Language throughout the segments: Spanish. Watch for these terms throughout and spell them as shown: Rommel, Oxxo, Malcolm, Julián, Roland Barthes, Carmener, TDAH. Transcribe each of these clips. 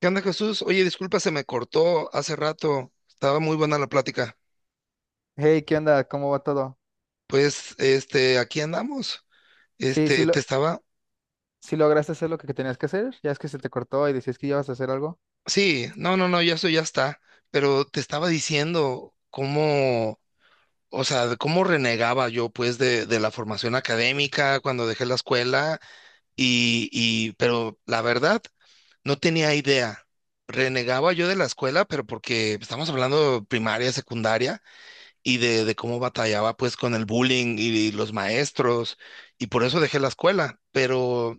¿Qué onda, Jesús? Oye, disculpa, se me cortó hace rato. Estaba muy buena la plática. Hey, ¿qué onda? ¿Cómo va todo? Pues, este, aquí andamos. Sí, sí, Este, te estaba. sí lograste hacer lo que tenías que hacer. Ya es que se te cortó y decías que ibas a hacer algo. Sí, no, no, no, ya eso ya está. Pero te estaba diciendo cómo, o sea, de cómo renegaba yo, pues, de la formación académica cuando dejé la escuela. Y, pero la verdad, no tenía idea. Renegaba yo de la escuela, pero porque estamos hablando de primaria, secundaria. Y de cómo batallaba pues con el bullying y los maestros, y por eso dejé la escuela, pero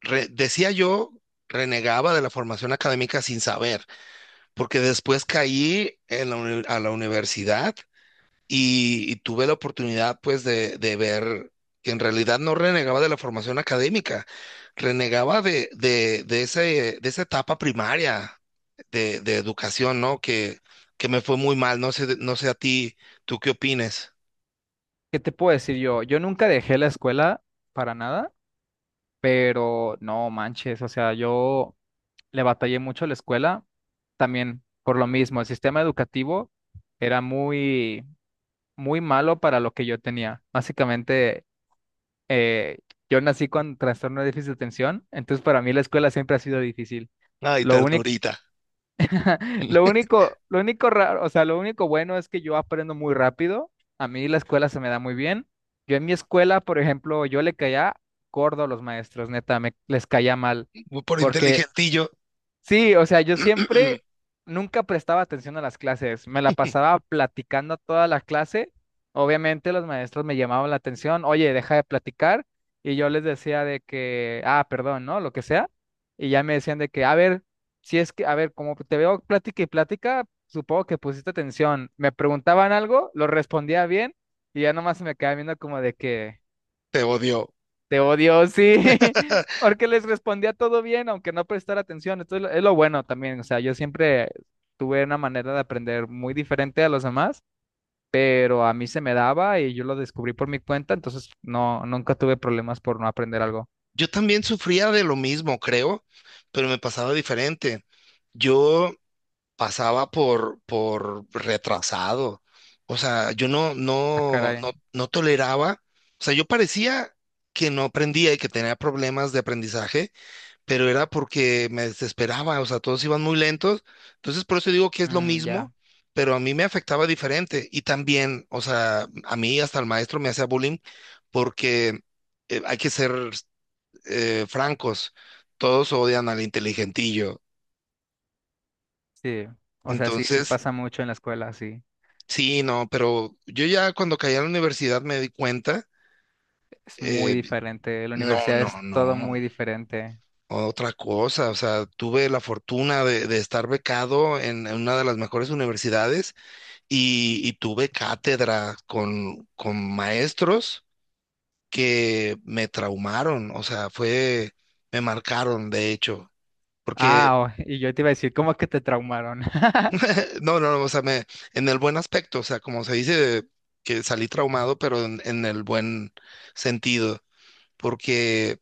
decía yo, renegaba de la formación académica sin saber, porque después caí a la universidad y tuve la oportunidad pues de ver que en realidad no renegaba de la formación académica, renegaba de esa etapa primaria de educación, ¿no? Que me fue muy mal, no sé a ti, ¿tú qué opines? ¿Qué te puedo decir yo? Yo nunca dejé la escuela para nada, pero no manches, o sea, yo le batallé mucho a la escuela también por lo mismo. El sistema educativo era muy, muy malo para lo que yo tenía. Básicamente, eh, yo nací con trastorno de déficit de atención, entonces para mí la escuela siempre ha sido difícil. Ay, Lo único. ternurita, Lo único raro, o sea, lo único bueno es que yo aprendo muy rápido. A mí la escuela se me da muy bien. Yo en mi escuela, por ejemplo, yo le caía gordo a los maestros, neta, me les caía mal, por porque inteligentillo, sí, o sea, yo siempre nunca prestaba atención a las clases, me la pasaba platicando toda la clase. Obviamente los maestros me llamaban la atención, oye, deja de platicar, y yo les decía de que, ah, perdón, ¿no? Lo que sea, y ya me decían de que, a ver, si es que, a ver, como te veo plática y plática, supongo que pusiste atención. Me preguntaban algo, lo respondía bien, y ya nomás se me quedaba viendo como de que, te odio. te odio, sí. Porque les respondía todo bien, aunque no prestara atención. Esto es lo bueno también. O sea, yo siempre tuve una manera de aprender muy diferente a los demás, pero a mí se me daba y yo lo descubrí por mi cuenta, entonces no, nunca tuve problemas por no aprender algo. Yo también sufría de lo mismo, creo, pero me pasaba diferente. Yo pasaba por retrasado. O sea, yo no, Ah, no, caray. no, no toleraba. O sea, yo parecía que no aprendía y que tenía problemas de aprendizaje, pero era porque me desesperaba. O sea, todos iban muy lentos. Entonces, por eso digo que es lo Mm, ya, mismo, pero a mí me afectaba diferente. Y también, o sea, a mí hasta el maestro me hacía bullying porque hay que ser francos. Todos odian al inteligentillo. sí. O sea, sí, sí Entonces, pasa mucho en la escuela, sí. sí, no, pero yo ya cuando caí a la universidad me di cuenta, Es muy eh, diferente. La no, universidad es no, todo no, muy diferente. otra cosa, o sea, tuve la fortuna de estar becado en una de las mejores universidades y tuve cátedra con maestros que me traumaron, o sea, fue, me marcaron, de hecho, porque, Ah, oh, y yo te iba a decir, ¿cómo que te traumaron? no, o sea, me, en el buen aspecto, o sea, como se dice, que salí traumado, pero en el buen sentido. Porque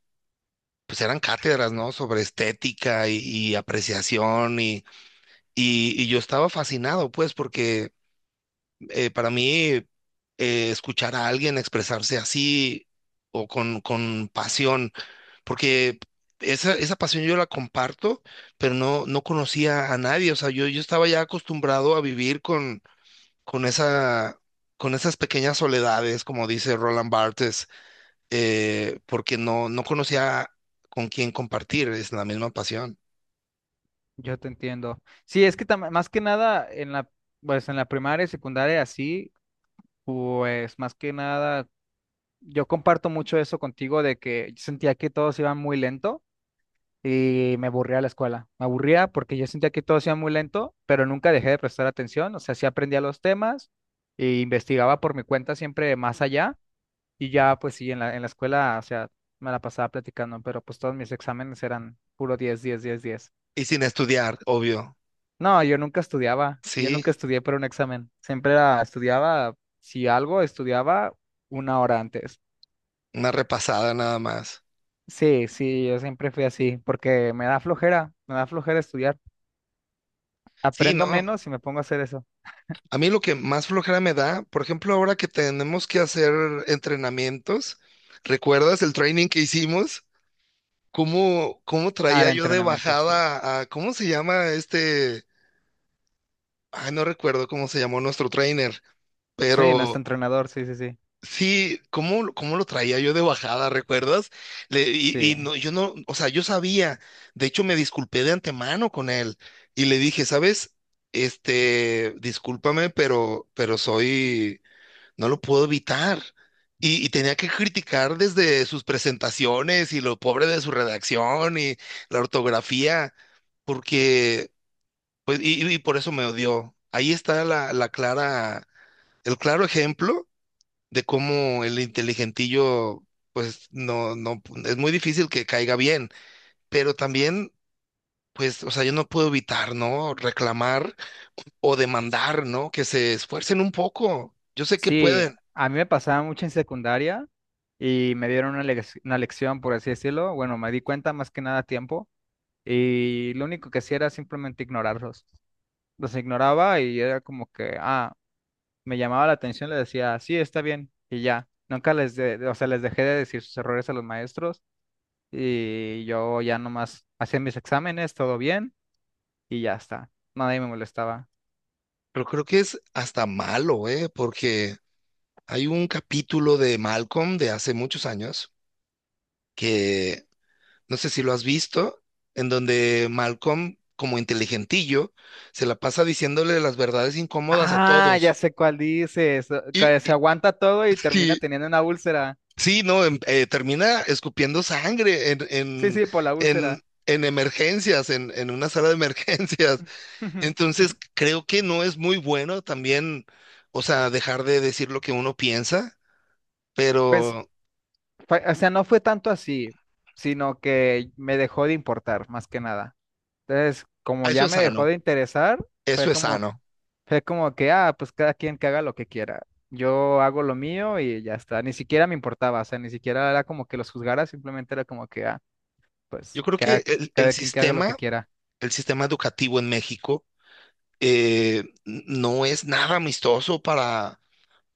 pues eran cátedras, ¿no? Sobre estética y apreciación y yo estaba fascinado, pues, porque para mí escuchar a alguien expresarse así o con pasión, porque esa pasión yo la comparto, pero no, no conocía a nadie, o sea, yo estaba ya acostumbrado a vivir con, con esa... con esas pequeñas soledades, como dice Roland Barthes, porque no, no conocía con quién compartir, es la misma pasión. Yo te entiendo. Sí, es que más que nada en la, pues en la primaria y secundaria así, pues más que nada yo comparto mucho eso contigo de que yo sentía que todos iban muy lento y me aburría la escuela. Me aburría porque yo sentía que todos iban muy lento, pero nunca dejé de prestar atención, o sea, sí aprendía los temas e investigaba por mi cuenta siempre más allá, y ya pues sí en la escuela, o sea, me la pasaba platicando, pero pues todos mis exámenes eran puro 10 10 10 10. Y sin estudiar, obvio, No, yo nunca estudiaba, yo sí, nunca estudié para un examen. Siempre estudiaba, si algo, estudiaba una hora antes. una repasada nada más. Sí, sí, yo siempre fui así, porque me da flojera estudiar. Sí, ¿no? Aprendo menos y me pongo a hacer eso. A mí lo que más flojera me da, por ejemplo, ahora que tenemos que hacer entrenamientos, ¿recuerdas el training que hicimos? ¿Cómo Ah, el traía yo de entrenamiento, sí. bajada a, ¿cómo se llama este? Ay, no recuerdo cómo se llamó nuestro trainer, Sí, nuestro pero entrenador, sí, sí, sí. sí, ¿cómo lo traía yo de bajada, ¿recuerdas? Le- y, Sí, y no, yo no, o sea, yo sabía, de hecho me disculpé de antemano con él y le dije, ¿sabes? Este, discúlpame, pero soy, no lo puedo evitar. Y tenía que criticar desde sus presentaciones y lo pobre de su redacción y la ortografía, porque, pues, por eso me odió. Ahí está la, el claro ejemplo de cómo el inteligentillo, pues no, no, es muy difícil que caiga bien, pero también, pues, o sea, yo no puedo evitar, ¿no? Reclamar o demandar, ¿no? Que se esfuercen un poco. Yo sé que sí, pueden, a mí me pasaba mucho en secundaria y me dieron una lección, por así decirlo. Bueno, me di cuenta más que nada a tiempo y lo único que hacía era simplemente ignorarlos. Los ignoraba y era como que, ah, me llamaba la atención, le decía, sí, está bien, y ya. Nunca les, o sea, les dejé de decir sus errores a los maestros y yo ya nomás hacía mis exámenes, todo bien, y ya está. Nadie me molestaba. pero creo que es hasta malo, ¿eh? Porque hay un capítulo de Malcolm de hace muchos años que no sé si lo has visto, en donde Malcolm, como inteligentillo, se la pasa diciéndole las verdades incómodas a Ah, ya todos. sé cuál dices, Y, que y- se aguanta todo y termina sí, teniendo una úlcera. sí, no, termina escupiendo sangre en, Sí, en, sí, por la úlcera. en, en emergencias, en una sala de emergencias. Entonces, creo que no es muy bueno también, o sea, dejar de decir lo que uno piensa, Pues, pero o sea, no fue tanto así, sino que me dejó de importar, más que nada. Entonces, como ah, eso ya es me dejó sano, de interesar, fue eso es como. sano. Es como que, ah, pues cada quien que haga lo que quiera. Yo hago lo mío y ya está. Ni siquiera me importaba, o sea, ni siquiera era como que los juzgara, simplemente era como que, ah, Yo pues creo que que el, el cada quien que haga lo que sistema, quiera. el sistema educativo en México no es nada amistoso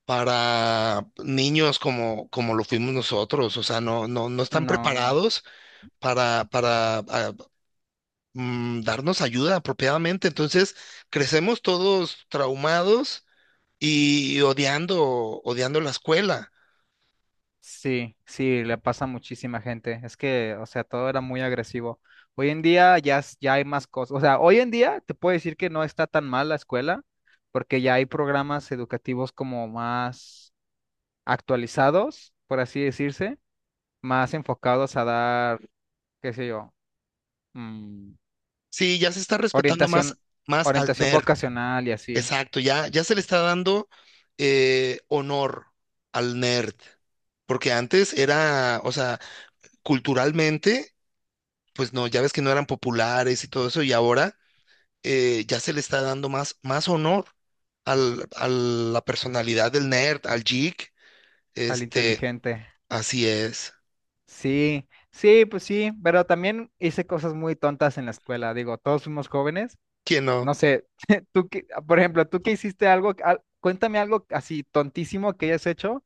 para niños como lo fuimos nosotros, o sea, no, no, no están No, preparados para darnos ayuda apropiadamente. Entonces, crecemos todos traumados y odiando la escuela. sí, sí, le pasa a muchísima gente. Es que, o sea, todo era muy agresivo. Hoy en día ya, ya hay más cosas. O sea, hoy en día te puedo decir que no está tan mal la escuela, porque ya hay programas educativos como más actualizados, por así decirse, más enfocados a dar qué sé yo. Mm, Sí, ya se está respetando más, orientación, más al orientación nerd. vocacional y así, Exacto, ya, ya se le está dando honor al nerd. Porque antes era, o sea, culturalmente, pues no, ya ves que no eran populares y todo eso, y ahora ya se le está dando más honor a la personalidad del nerd, al geek, al este, inteligente. así es. Sí, sí, pues sí, pero también hice cosas muy tontas en la escuela. Digo, todos fuimos jóvenes. ¿Quién No no? sé, tú que, por ejemplo, tú que hiciste algo, cuéntame algo así tontísimo que hayas hecho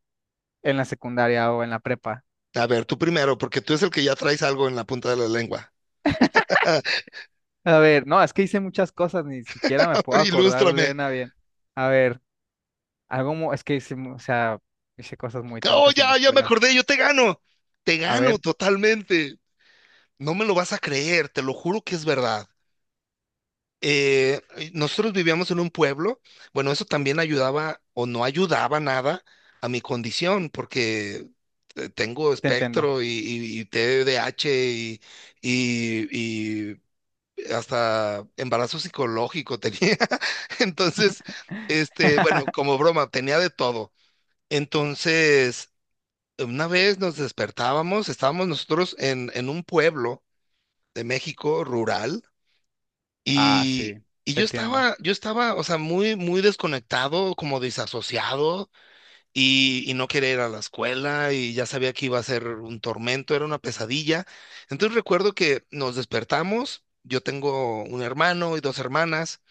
en la secundaria o en la prepa. A ver, tú primero, porque tú es el que ya traes algo en la punta de la lengua. A ver, no, es que hice muchas cosas, ni siquiera me puedo Ah, acordar ilústrame. de una bien. A ver, algo, es que hice, o sea, hice cosas muy Oh, tontas en la ya, ya me escuela. acordé, yo te gano. Te A gano ver, totalmente. No me lo vas a creer, te lo juro que es verdad. Eh, Nosotros vivíamos en un pueblo, bueno, eso también ayudaba o no ayudaba nada a mi condición, porque tengo te entiendo. espectro y TDAH y hasta embarazo psicológico tenía. Entonces, este, bueno, como broma, tenía de todo. Entonces, una vez nos despertábamos, estábamos nosotros en un pueblo de México rural Ah, sí, y, y te yo entiendo. estaba, yo estaba, o sea, muy, muy desconectado, como desasociado y no quería ir a la escuela y ya sabía que iba a ser un tormento, era una pesadilla. Entonces recuerdo que nos despertamos, yo tengo un hermano y dos hermanas.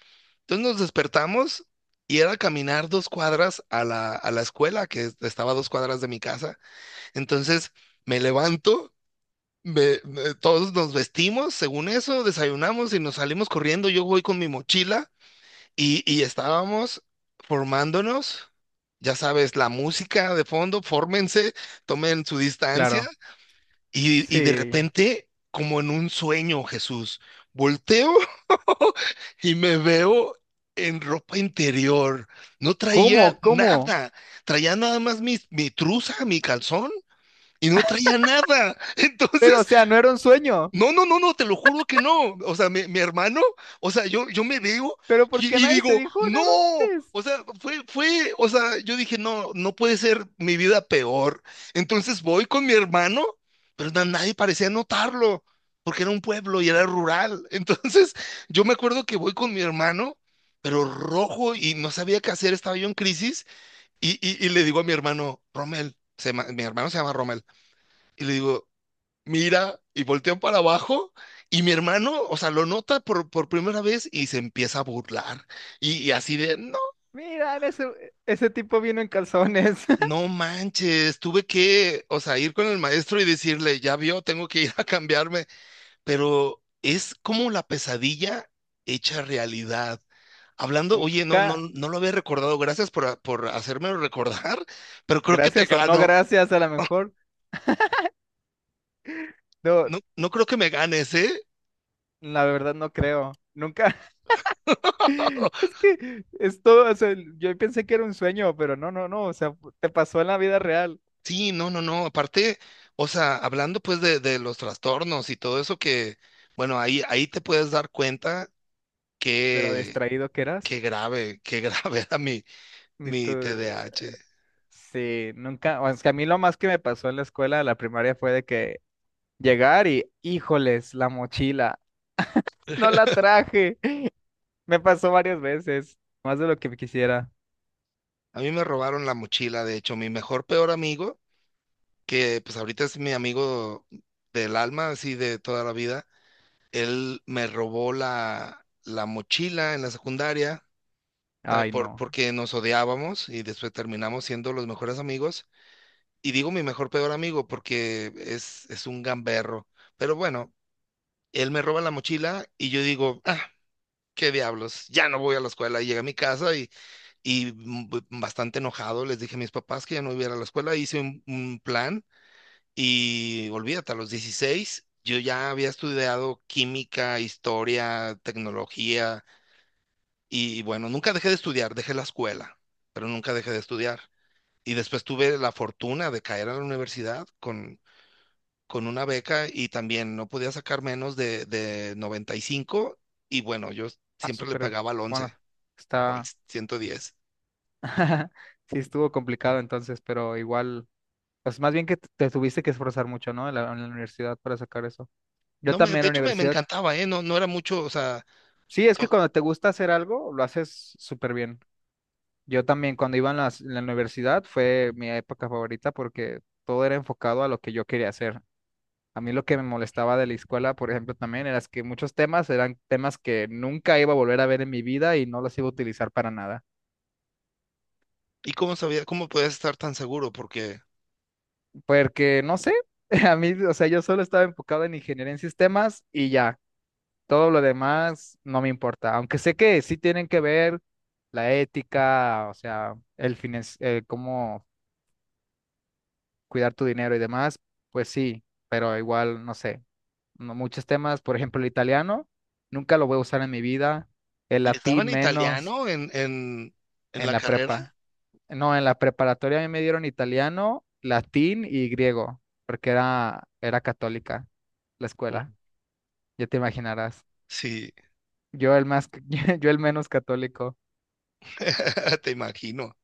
Entonces nos despertamos y era caminar dos cuadras a la escuela, que estaba a dos cuadras de mi casa. Entonces me levanto, todos nos vestimos, según eso, desayunamos y nos salimos corriendo. Yo voy con mi mochila y estábamos formándonos. Ya sabes, la música de fondo, fórmense, tomen su distancia. Claro. Y de Sí. repente, como en un sueño, Jesús, volteo y me veo en ropa interior. No traía ¿Cómo? ¿Cómo? nada. Traía nada más mi trusa, mi calzón, y no traía nada. Pero, o Entonces sea, no era un sueño. no, no, no, no, te lo juro que no. O sea, mi hermano, o sea, yo me veo Pero ¿por y, qué y nadie te digo, dijo no. nada antes? O sea, fue, o sea, yo dije, no, no puede ser mi vida peor. Entonces voy con mi hermano, pero nadie parecía notarlo, porque era un pueblo y era rural. Entonces, yo me acuerdo que voy con mi hermano, pero rojo y no sabía qué hacer, estaba yo en crisis, y le digo a mi hermano, Rommel, mi hermano se llama Rommel, y le digo, mira y voltean para abajo y mi hermano, o sea, lo nota por primera vez y se empieza a burlar. Y así de, no, Mira, en ese tipo vino en calzones. no manches, tuve que, o sea, ir con el maestro y decirle, ya vio, tengo que ir a cambiarme, pero es como la pesadilla hecha realidad. Hablando, oye, no, no, Nunca, no lo había recordado, gracias por hacérmelo recordar, pero creo que te gracias o no gano. gracias, a lo mejor. No, No, no creo que me ganes, ¿eh? la verdad no creo. Nunca. Es que es todo, o sea, yo pensé que era un sueño, pero no, no, no. O sea, te pasó en la vida real, Sí, no, no, no. Aparte, o sea, hablando pues de los trastornos y todo eso que, bueno, ahí te puedes dar cuenta de lo que distraído que eras. Qué grave era mi, Ni tú- mi TDAH. Sí, nunca, o sea, a mí lo más que me pasó en la escuela de la primaria fue de que llegar y, híjoles, la mochila, no la traje. Me pasó varias veces, más de lo que quisiera. A mí me robaron la mochila, de hecho, mi mejor peor amigo, que pues ahorita es mi amigo del alma, así de toda la vida, él me robó la mochila en la secundaria, ¿sabe? Ay, Por, no. porque nos odiábamos y después terminamos siendo los mejores amigos. Y digo mi mejor peor amigo porque es un gamberro. Pero bueno, él me roba la mochila y yo digo, ah, qué diablos, ya no voy a la escuela. Y llegué a mi casa y bastante enojado les dije a mis papás que ya no iba a ir a la escuela. Hice un plan y olvídate, a los 16 yo ya había estudiado química, historia, tecnología y bueno, nunca dejé de estudiar, dejé la escuela, pero nunca dejé de estudiar. Y después tuve la fortuna de caer a la universidad con una beca y también no podía sacar menos de 95 y bueno, yo Ah, siempre le súper, pegaba al bueno, 11 o al está. 110. Sí estuvo complicado entonces, pero igual, pues más bien que te tuviste que esforzar mucho, ¿no? En la universidad para sacar eso. Yo No, también de en la hecho me universidad, encantaba, ¿eh? No, no era mucho, o sea, sí, es que to- cuando te gusta hacer algo, lo haces súper bien. Yo también cuando iba en en la, universidad, fue mi época favorita porque todo era enfocado a lo que yo quería hacer. A mí lo que me molestaba de la escuela, por ejemplo, también era que muchos temas eran temas que nunca iba a volver a ver en mi vida y no los iba a utilizar para nada. ¿y cómo sabía, cómo podías estar tan seguro? Porque Porque, no sé, a mí, o sea, yo solo estaba enfocado en ingeniería en sistemas y ya, todo lo demás no me importa. Aunque sé que sí tienen que ver la ética, o sea, el fin, cuidar tu dinero y demás, pues sí, pero igual, no sé, muchos temas, por ejemplo, el italiano, nunca lo voy a usar en mi vida, el les latín daban menos, italiano en en la la carrera. prepa. No, en la preparatoria a mí me dieron italiano, latín y griego, porque era católica la Mm. escuela, ya te imaginarás. Sí, Yo el más, yo el menos católico, te imagino.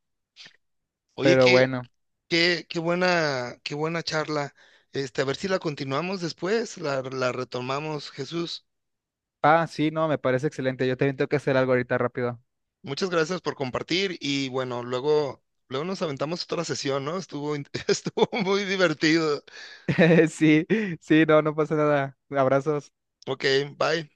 Oye, pero qué, bueno. qué, qué buena, qué buena charla. Este, a ver si la continuamos después, la retomamos, Jesús. Ah, sí, no, me parece excelente. Yo también tengo que hacer algo ahorita rápido. Muchas gracias por compartir y bueno, luego, luego nos aventamos otra sesión, ¿no? Estuvo muy divertido. Sí, sí, no, no pasa nada. Abrazos. Ok, bye.